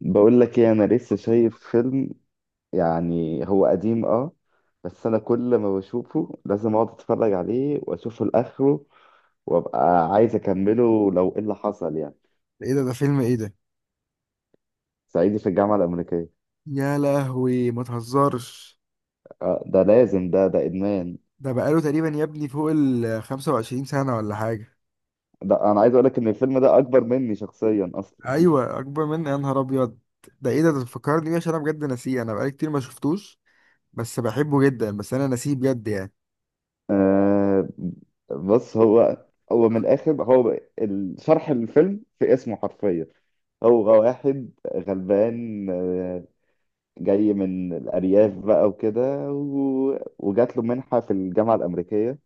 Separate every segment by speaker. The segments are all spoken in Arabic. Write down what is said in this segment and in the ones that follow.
Speaker 1: بقول لك ايه، انا لسه شايف فيلم. يعني هو قديم، اه. بس انا كل ما بشوفه لازم اقعد اتفرج عليه واشوفه لاخره، وابقى عايز اكمله لو ايه اللي حصل يعني.
Speaker 2: ايه ده؟ ده فيلم ايه ده؟
Speaker 1: صعيدي في الجامعه الامريكيه.
Speaker 2: يا لهوي، ما تهزرش.
Speaker 1: آه، ده لازم، ده ادمان.
Speaker 2: ده بقاله تقريبا يا ابني فوق ال 25 سنة ولا حاجة.
Speaker 1: ده انا عايز اقول لك ان الفيلم ده اكبر مني شخصيا اصلا.
Speaker 2: ايوه، اكبر مني، يا نهار ابيض. ده ايه ده؟ ده فكرني بيه، عشان انا بجد ناسيه. انا بقالي كتير ما شفتوش بس بحبه جدا، بس انا ناسيه بجد يعني.
Speaker 1: آه بص، هو من الاخر، هو شرح الفيلم في اسمه حرفيا. هو واحد غلبان، جاي من الأرياف بقى وكده، وجات له منحة في الجامعة الأمريكية،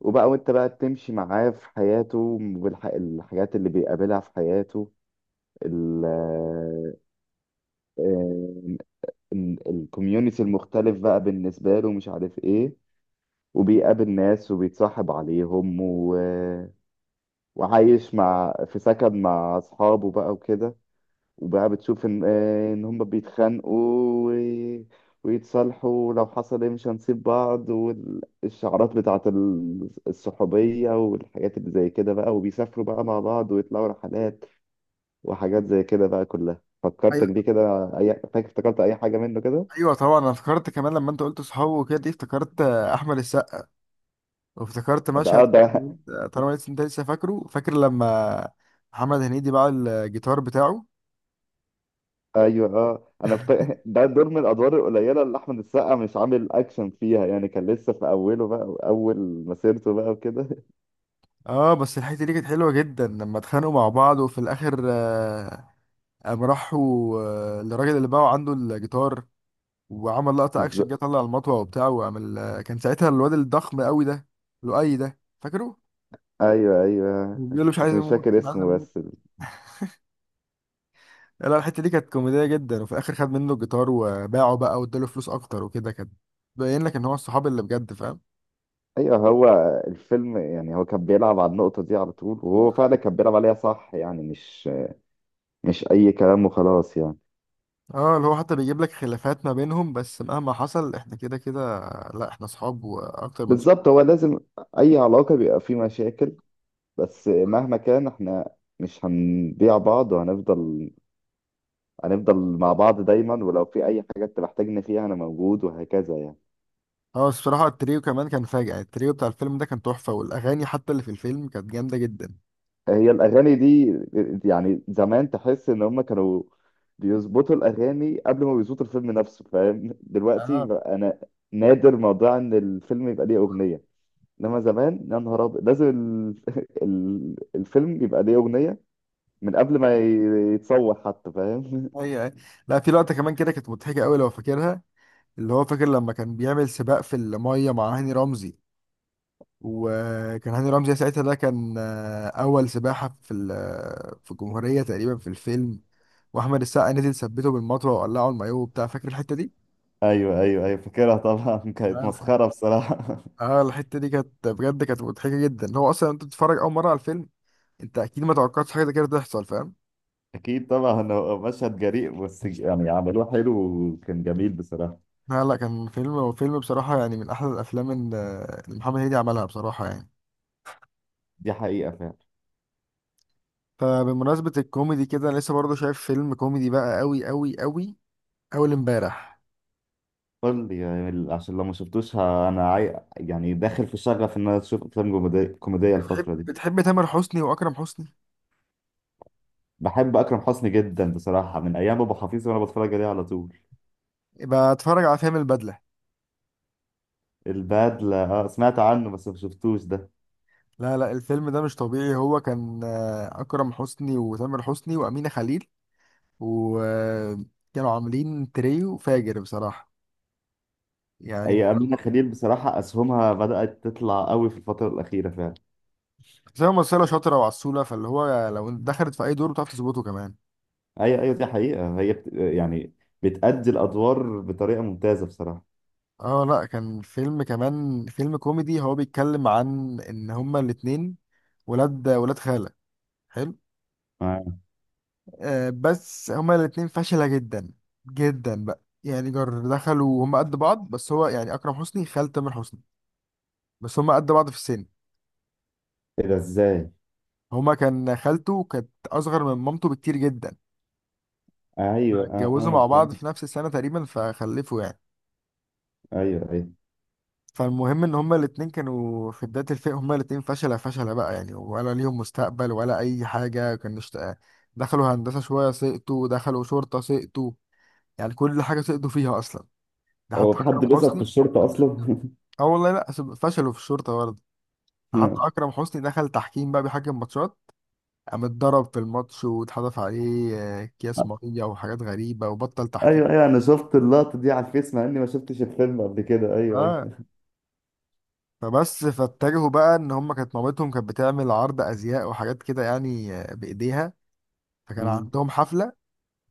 Speaker 1: وبقى وأنت بقى تمشي معاه في حياته والحاجات اللي بيقابلها في حياته، ال الكوميونتي المختلف بقى بالنسبة له مش عارف إيه. وبيقابل ناس وبيتصاحب عليهم، وعايش مع في سكن مع أصحابه بقى وكده. وبقى بتشوف ان، ان هم بيتخانقوا و- ويتصالحوا، ولو حصل ايه مش هنسيب بعض، والشعارات بتاعت الصحوبية والحاجات اللي زي كده بقى، وبيسافروا بقى مع بعض ويطلعوا رحلات وحاجات زي كده بقى، كلها فكرتك بيه
Speaker 2: ايوه،
Speaker 1: كده. اي فاكر، افتكرت اي حاجة منه كده.
Speaker 2: ايوه طبعا. انا افتكرت كمان لما انت قلت صحابه وكده، دي افتكرت احمد السقا. وافتكرت
Speaker 1: ده
Speaker 2: مشهد،
Speaker 1: اه ده
Speaker 2: قلت، طالما لسه انت لسه فاكر لما محمد هنيدي باع الجيتار بتاعه.
Speaker 1: ايوه، اه، ده دور من الادوار القليلة اللي احمد السقا مش عامل اكشن فيها، يعني كان لسه في اوله بقى، اول مسيرته بقى وكده.
Speaker 2: اه بس الحته دي كانت حلوه جدا لما اتخانقوا مع بعض وفي الاخر، قام راحوا، للراجل اللي باعه عنده الجيتار. وعمل لقطه اكشن، جه
Speaker 1: بالظبط.
Speaker 2: طلع المطوه وبتاع وعمل، كان ساعتها الواد الضخم قوي ده، لؤي ده فاكره؟
Speaker 1: ايوه، ايوه،
Speaker 2: بيقول له مش
Speaker 1: بس
Speaker 2: عايز
Speaker 1: مش
Speaker 2: اموت،
Speaker 1: فاكر
Speaker 2: مش عايز
Speaker 1: اسمه،
Speaker 2: اموت. لا لا، الحته دي كانت كوميديه جدا، وفي الاخر خد منه الجيتار وباعه بقى واداله فلوس اكتر وكده. كان باين لك ان هو الصحاب اللي بجد فاهم.
Speaker 1: ايوه، هو الفيلم، يعني هو كان بيلعب على النقطة دي على طول، وهو فعلا كان بيلعب عليها صح، يعني مش اي كلام وخلاص يعني.
Speaker 2: اه، اللي هو حتى بيجيب لك خلافات ما بينهم، بس مهما حصل احنا كده كده، لا احنا صحاب واكتر من صحاب.
Speaker 1: بالظبط، هو لازم اي علاقة بيبقى فيه مشاكل، بس مهما كان احنا مش هنبيع بعض، وهنفضل هنفضل مع بعض دايما، ولو في اي حاجة انت محتاجني فيها انا موجود، وهكذا يعني.
Speaker 2: اه، بس بصراحة التريو كمان كان فاجع، التريو بتاع الفيلم ده كان تحفة، والأغاني حتى اللي في الفيلم كانت جامدة جدا.
Speaker 1: هي الأغاني دي يعني زمان، تحس إن هم كانوا بيظبطوا الأغاني قبل ما بيظبطوا الفيلم نفسه، فاهم؟ دلوقتي
Speaker 2: اه.
Speaker 1: بقى أنا نادر موضوع إن الفيلم يبقى ليه أغنية، إنما زمان يا نهار أبيض لازم الفيلم يبقى ليه أغنية من قبل ما يتصور حتى، فاهم؟
Speaker 2: ايوه، ايوه. لا، في لقطة كمان كده كانت مضحكة قوي لو فاكرها، اللي هو فاكر لما كان بيعمل سباق في المية مع هاني رمزي؟ وكان هاني رمزي ساعتها ده كان، أول سباحة في الجمهورية تقريبا في الفيلم. وأحمد السقا نزل ثبته بالمطوة وقلعه المايوه وبتاع، فاكر الحتة دي؟
Speaker 1: ايوه، ايوه، ايوه، فاكرها طبعا.
Speaker 2: لا
Speaker 1: كانت
Speaker 2: الحاجة،
Speaker 1: مسخره بصراحه.
Speaker 2: اه، الحتة دي كانت بجد كانت مضحكة جدا. هو أصلا أنت بتتفرج أول مرة على الفيلم، أنت أكيد ما توقعتش حاجة زي كده تحصل، فاهم؟
Speaker 1: اكيد طبعا، هو مشهد جريء بس يعني عملوه حلو، وكان جميل بصراحه.
Speaker 2: لا لا، كان فيلم وفيلم بصراحة، يعني من أحلى الأفلام اللي محمد هنيدي عملها بصراحة يعني.
Speaker 1: دي حقيقه فعلا.
Speaker 2: فبمناسبة الكوميدي كده، لسه برضه شايف فيلم كوميدي بقى أوي أوي أوي، أول امبارح.
Speaker 1: قول لي يعني، عشان لو ما شفتوش انا يعني داخل في شغف ان انا اشوف افلام كوميديه
Speaker 2: بتحب
Speaker 1: الفتره دي.
Speaker 2: بتحب تامر حسني وأكرم حسني؟
Speaker 1: بحب اكرم حسني جدا بصراحه، من ايام ابو حفيظ وانا بتفرج عليه على طول.
Speaker 2: يبقى اتفرج على فيلم البدلة.
Speaker 1: البدله، اه سمعت عنه بس ما شفتوش ده.
Speaker 2: لا لا، الفيلم ده مش طبيعي، هو كان، أكرم حسني وتامر حسني وأمينة خليل، وكانوا عاملين تريو فاجر بصراحة يعني
Speaker 1: اي، امينه خليل بصراحه اسهمها بدات تطلع قوي في الفتره الاخيره فعلا.
Speaker 2: زي ممثلة شاطرة وعسولة، فاللي هو لو دخلت في أي دور بتعرف تظبطه كمان.
Speaker 1: ايوه، ايوه، دي حقيقه. هي يعني بتأدي الادوار بطريقه ممتازه بصراحه.
Speaker 2: اه، لا كان فيلم كمان، فيلم كوميدي. هو بيتكلم عن ان هما الاتنين ولاد خالة. حلو.
Speaker 1: آه.
Speaker 2: آه بس هما الاتنين فاشلة جدا جدا بقى، يعني جر دخلوا هما قد بعض، بس هو يعني اكرم حسني خال تامر حسني، بس هما قد بعض في السن.
Speaker 1: ايه ده، ازاي؟
Speaker 2: هما كان خالته كانت اصغر من مامته بكتير جدا،
Speaker 1: ايوه، اه،
Speaker 2: اتجوزوا مع
Speaker 1: فهمت.
Speaker 2: بعض في نفس السنة تقريبا فخلفوا يعني.
Speaker 1: ايوه، ايوه.
Speaker 2: فالمهم ان هما الاتنين كانوا في بداية الفئة، هما الاتنين فشلة فشلة بقى يعني، ولا ليهم مستقبل ولا اي حاجة. كانوا دخلوا هندسة شوية سقطوا، دخلوا شرطة سقطوا، يعني كل حاجة سقطوا فيها اصلا. ده
Speaker 1: هو
Speaker 2: حتى
Speaker 1: في
Speaker 2: اكرم
Speaker 1: حد بيظبط في
Speaker 2: حسني،
Speaker 1: الشرطه اصلا؟
Speaker 2: اه والله لا فشلوا في الشرطة برضه. ده حتى اكرم حسني دخل تحكيم بقى، بيحكم ماتشات، قام اتضرب في الماتش واتحدف عليه، اكياس ميه وحاجات غريبة، وبطل تحكيم.
Speaker 1: ايوه، ايوه، انا شفت اللقطه دي على الفيس مع اني ما شفتش الفيلم قبل كده، ايوه،
Speaker 2: اه
Speaker 1: ايوه.
Speaker 2: فبس فاتجهوا بقى ان هما، كانت مامتهم كانت بتعمل عرض ازياء وحاجات كده يعني، بايديها. فكان
Speaker 1: مم.
Speaker 2: عندهم حفله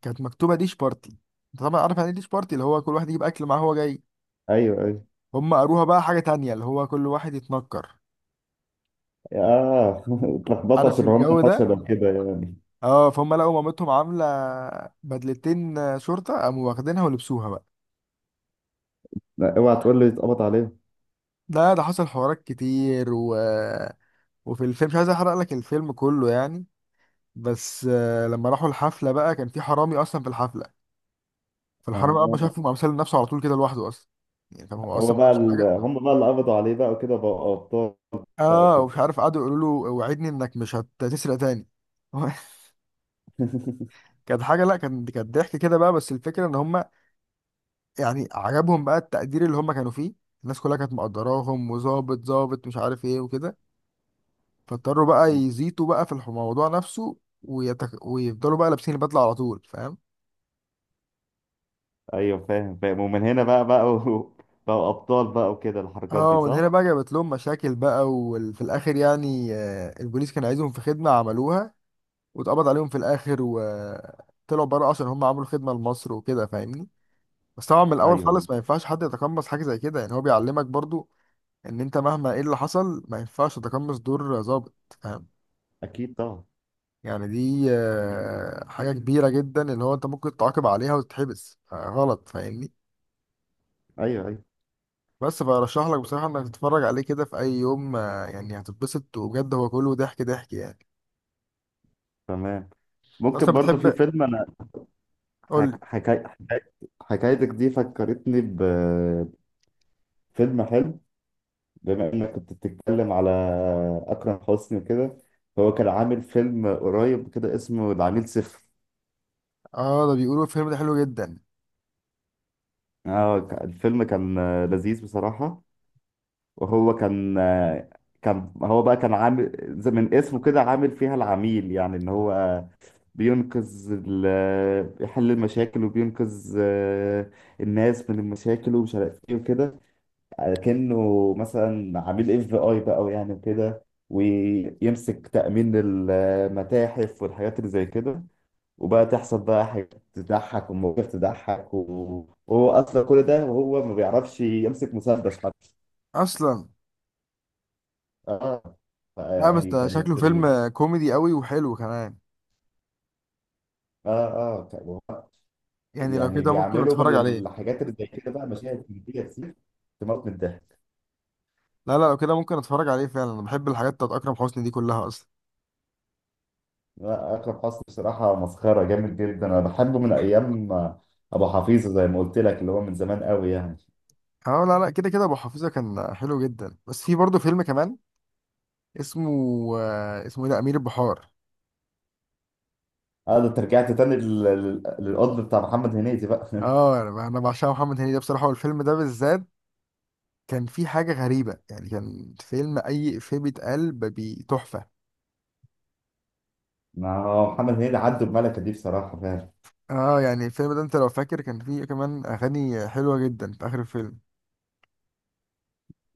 Speaker 2: كانت مكتوبه ديش بارتي. انت طبعا عارف يعني ايه ديش بارتي، اللي هو كل واحد يجيب اكل معاه هو جاي.
Speaker 1: ايوه، ايوه.
Speaker 2: هم قروها بقى حاجه تانية، اللي هو كل واحد يتنكر.
Speaker 1: اه. اتلخبطوا
Speaker 2: عارف
Speaker 1: عشان هم
Speaker 2: الجو ده؟
Speaker 1: فشلوا كده يعني.
Speaker 2: اه، فهم لقوا مامتهم عامله بدلتين شرطه، قاموا واخدينها ولبسوها بقى.
Speaker 1: لا، اوعى تقول لي اتقبض عليهم.
Speaker 2: ده حصل حوارات كتير، و... وفي الفيلم مش عايز احرق لك الفيلم كله يعني. بس، لما راحوا الحفله بقى كان في حرامي اصلا في الحفله، فالحرامي اول ما
Speaker 1: آه.
Speaker 2: شافه قام سلم نفسه على طول كده لوحده اصلا، يعني كان هو اصلا ما عملش حاجة.
Speaker 1: هم بقى اللي قبضوا عليه بقى وكده، بقى ابطال بقى
Speaker 2: اه،
Speaker 1: وكده.
Speaker 2: ومش عارف قعدوا يقولوا له: وعدني انك مش هتسرق تاني. كانت حاجه، لا كان، كانت ضحك كده بقى، بس الفكره ان هم يعني عجبهم بقى التقدير اللي هم كانوا فيه. الناس كلها كانت مقدراهم، وظابط ظابط مش عارف ايه وكده، فاضطروا بقى
Speaker 1: مم.
Speaker 2: يزيطوا بقى في الموضوع نفسه، ويفضلوا بقى لابسين البدله على طول، فاهم؟
Speaker 1: ايوه، فاهم، فاهم، ومن هنا بقى بقى ابطال بقى وكده الحركات
Speaker 2: اه،
Speaker 1: دي،
Speaker 2: ومن هنا
Speaker 1: صح.
Speaker 2: بقى جابت لهم مشاكل بقى، وفي الاخر يعني، البوليس كان عايزهم في خدمه عملوها، واتقبض عليهم في الاخر وطلعوا بره عشان هم عملوا خدمه لمصر وكده، فاهمني؟ بس طبعا من
Speaker 1: ايوه،
Speaker 2: الاول
Speaker 1: ايوه.
Speaker 2: خالص ما ينفعش حد يتقمص حاجه زي كده، يعني هو بيعلمك برضو ان انت مهما ايه اللي حصل ما ينفعش تتقمص دور ظابط، فاهم؟
Speaker 1: اكيد طبعا.
Speaker 2: يعني دي، حاجه كبيره جدا، اللي هو انت ممكن تعاقب عليها وتتحبس، غلط، فاهمني؟
Speaker 1: ايوه، ايوه.
Speaker 2: بس برشح لك بصراحه انك تتفرج عليه كده في اي يوم، يعني هتتبسط وبجد هو كله ضحك ضحك يعني.
Speaker 1: تمام.
Speaker 2: أنت اصلا
Speaker 1: ممكن برضو في
Speaker 2: بتحب،
Speaker 1: فيلم، انا
Speaker 2: قول لي.
Speaker 1: حك... حكاية حكايتك دي فكرتني فيلم حلو. بما انك كنت بتتكلم على اكرم حسني وكده، فهو كان عامل فيلم قريب كده اسمه العميل صفر.
Speaker 2: اه، ده بيقولوا الفيلم ده حلو جدا
Speaker 1: اه، الفيلم كان، لذيذ بصراحة. وهو كان، كان هو بقى كان عامل زي من اسمه كده، عامل فيها العميل، يعني ان هو بينقذ بيحل المشاكل وبينقذ، الناس من المشاكل ومش عارف ايه وكده، كأنه مثلا عميل اف بي اي بقى يعني وكده، ويمسك تأمين المتاحف والحاجات اللي زي كده. وبقى تحصل بقى حاجات تضحك ومواقف تضحك، وهو اصلا كل ده وهو ما بيعرفش يمسك مسدس حتى.
Speaker 2: اصلا.
Speaker 1: اه.
Speaker 2: لا بس
Speaker 1: يعني
Speaker 2: ده شكله
Speaker 1: كانت ال...
Speaker 2: فيلم كوميدي قوي وحلو كمان،
Speaker 1: اه اه ك-
Speaker 2: يعني لو
Speaker 1: يعني
Speaker 2: كده ممكن
Speaker 1: بيعملوا
Speaker 2: اتفرج
Speaker 1: من
Speaker 2: عليه.
Speaker 1: الحاجات اللي زي كده بقى مشاهد كوميدية كتير، تموت من الضحك.
Speaker 2: لا لا، لو كده ممكن اتفرج عليه فعلا، انا بحب الحاجات بتاعت اكرم حسني دي كلها اصلا.
Speaker 1: لا، اكرم حسني بصراحه مسخره جامد جدا، انا بحبه من ايام ابو حفيظه زي ما قلت لك، اللي هو من زمان قوي يعني.
Speaker 2: اه لا لا، كده كده ابو حفيظه كان حلو جدا، بس في برضه فيلم كمان اسمه، اسمه ايه ده، امير البحار.
Speaker 1: اه، ده انت رجعت تاني للقطب بتاع محمد هنيدي بقى.
Speaker 2: اه، انا بعشق محمد هنيدي ده بصراحه، والفيلم ده بالذات كان فيه حاجه غريبه يعني. كان فيلم اي افيه بيتقال تحفه.
Speaker 1: ما هو محمد هنيدي عدى الملكه دي بصراحه فعلا.
Speaker 2: اه يعني الفيلم ده، انت لو فاكر كان فيه كمان اغاني حلوه جدا في اخر الفيلم.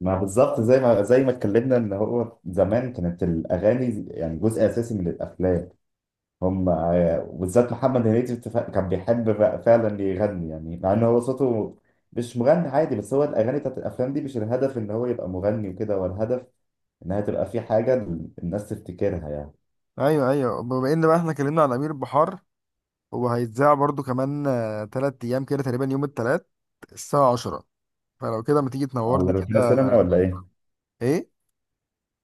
Speaker 1: ما بالظبط، زي ما اتكلمنا ان هو زمان كانت الاغاني يعني جزء اساسي من الافلام. هم، وبالذات محمد هنيدي كان بيحب بقى فعلا يغني، يعني مع ان هو صوته مش مغني عادي، بس هو الاغاني بتاعت الافلام دي مش الهدف ان هو يبقى مغني وكده، هو الهدف انها تبقى في حاجه الناس تفتكرها يعني.
Speaker 2: ايوه، ايوه. بما ان بقى احنا اتكلمنا عن امير البحار، هو هيتذاع برضه كمان، 3 ايام كده تقريبا، يوم التلات الساعة 10، فلو كده ما تيجي
Speaker 1: على
Speaker 2: تنورني
Speaker 1: روتانا
Speaker 2: كده؟
Speaker 1: سينما ولا ايه؟
Speaker 2: ايه،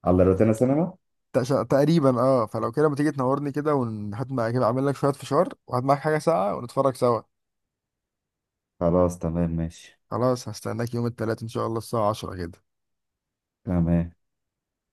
Speaker 1: على روتانا سينما.
Speaker 2: تقريبا اه، فلو كده ما تيجي تنورني كده، ونحط معاك كده، اعمل لك شويه فشار وهات معاك حاجه ساقعه ونتفرج سوا.
Speaker 1: خلاص، تمام، ماشي.
Speaker 2: خلاص هستناك يوم الثلاث ان شاء الله الساعه 10 كده.
Speaker 1: تمام.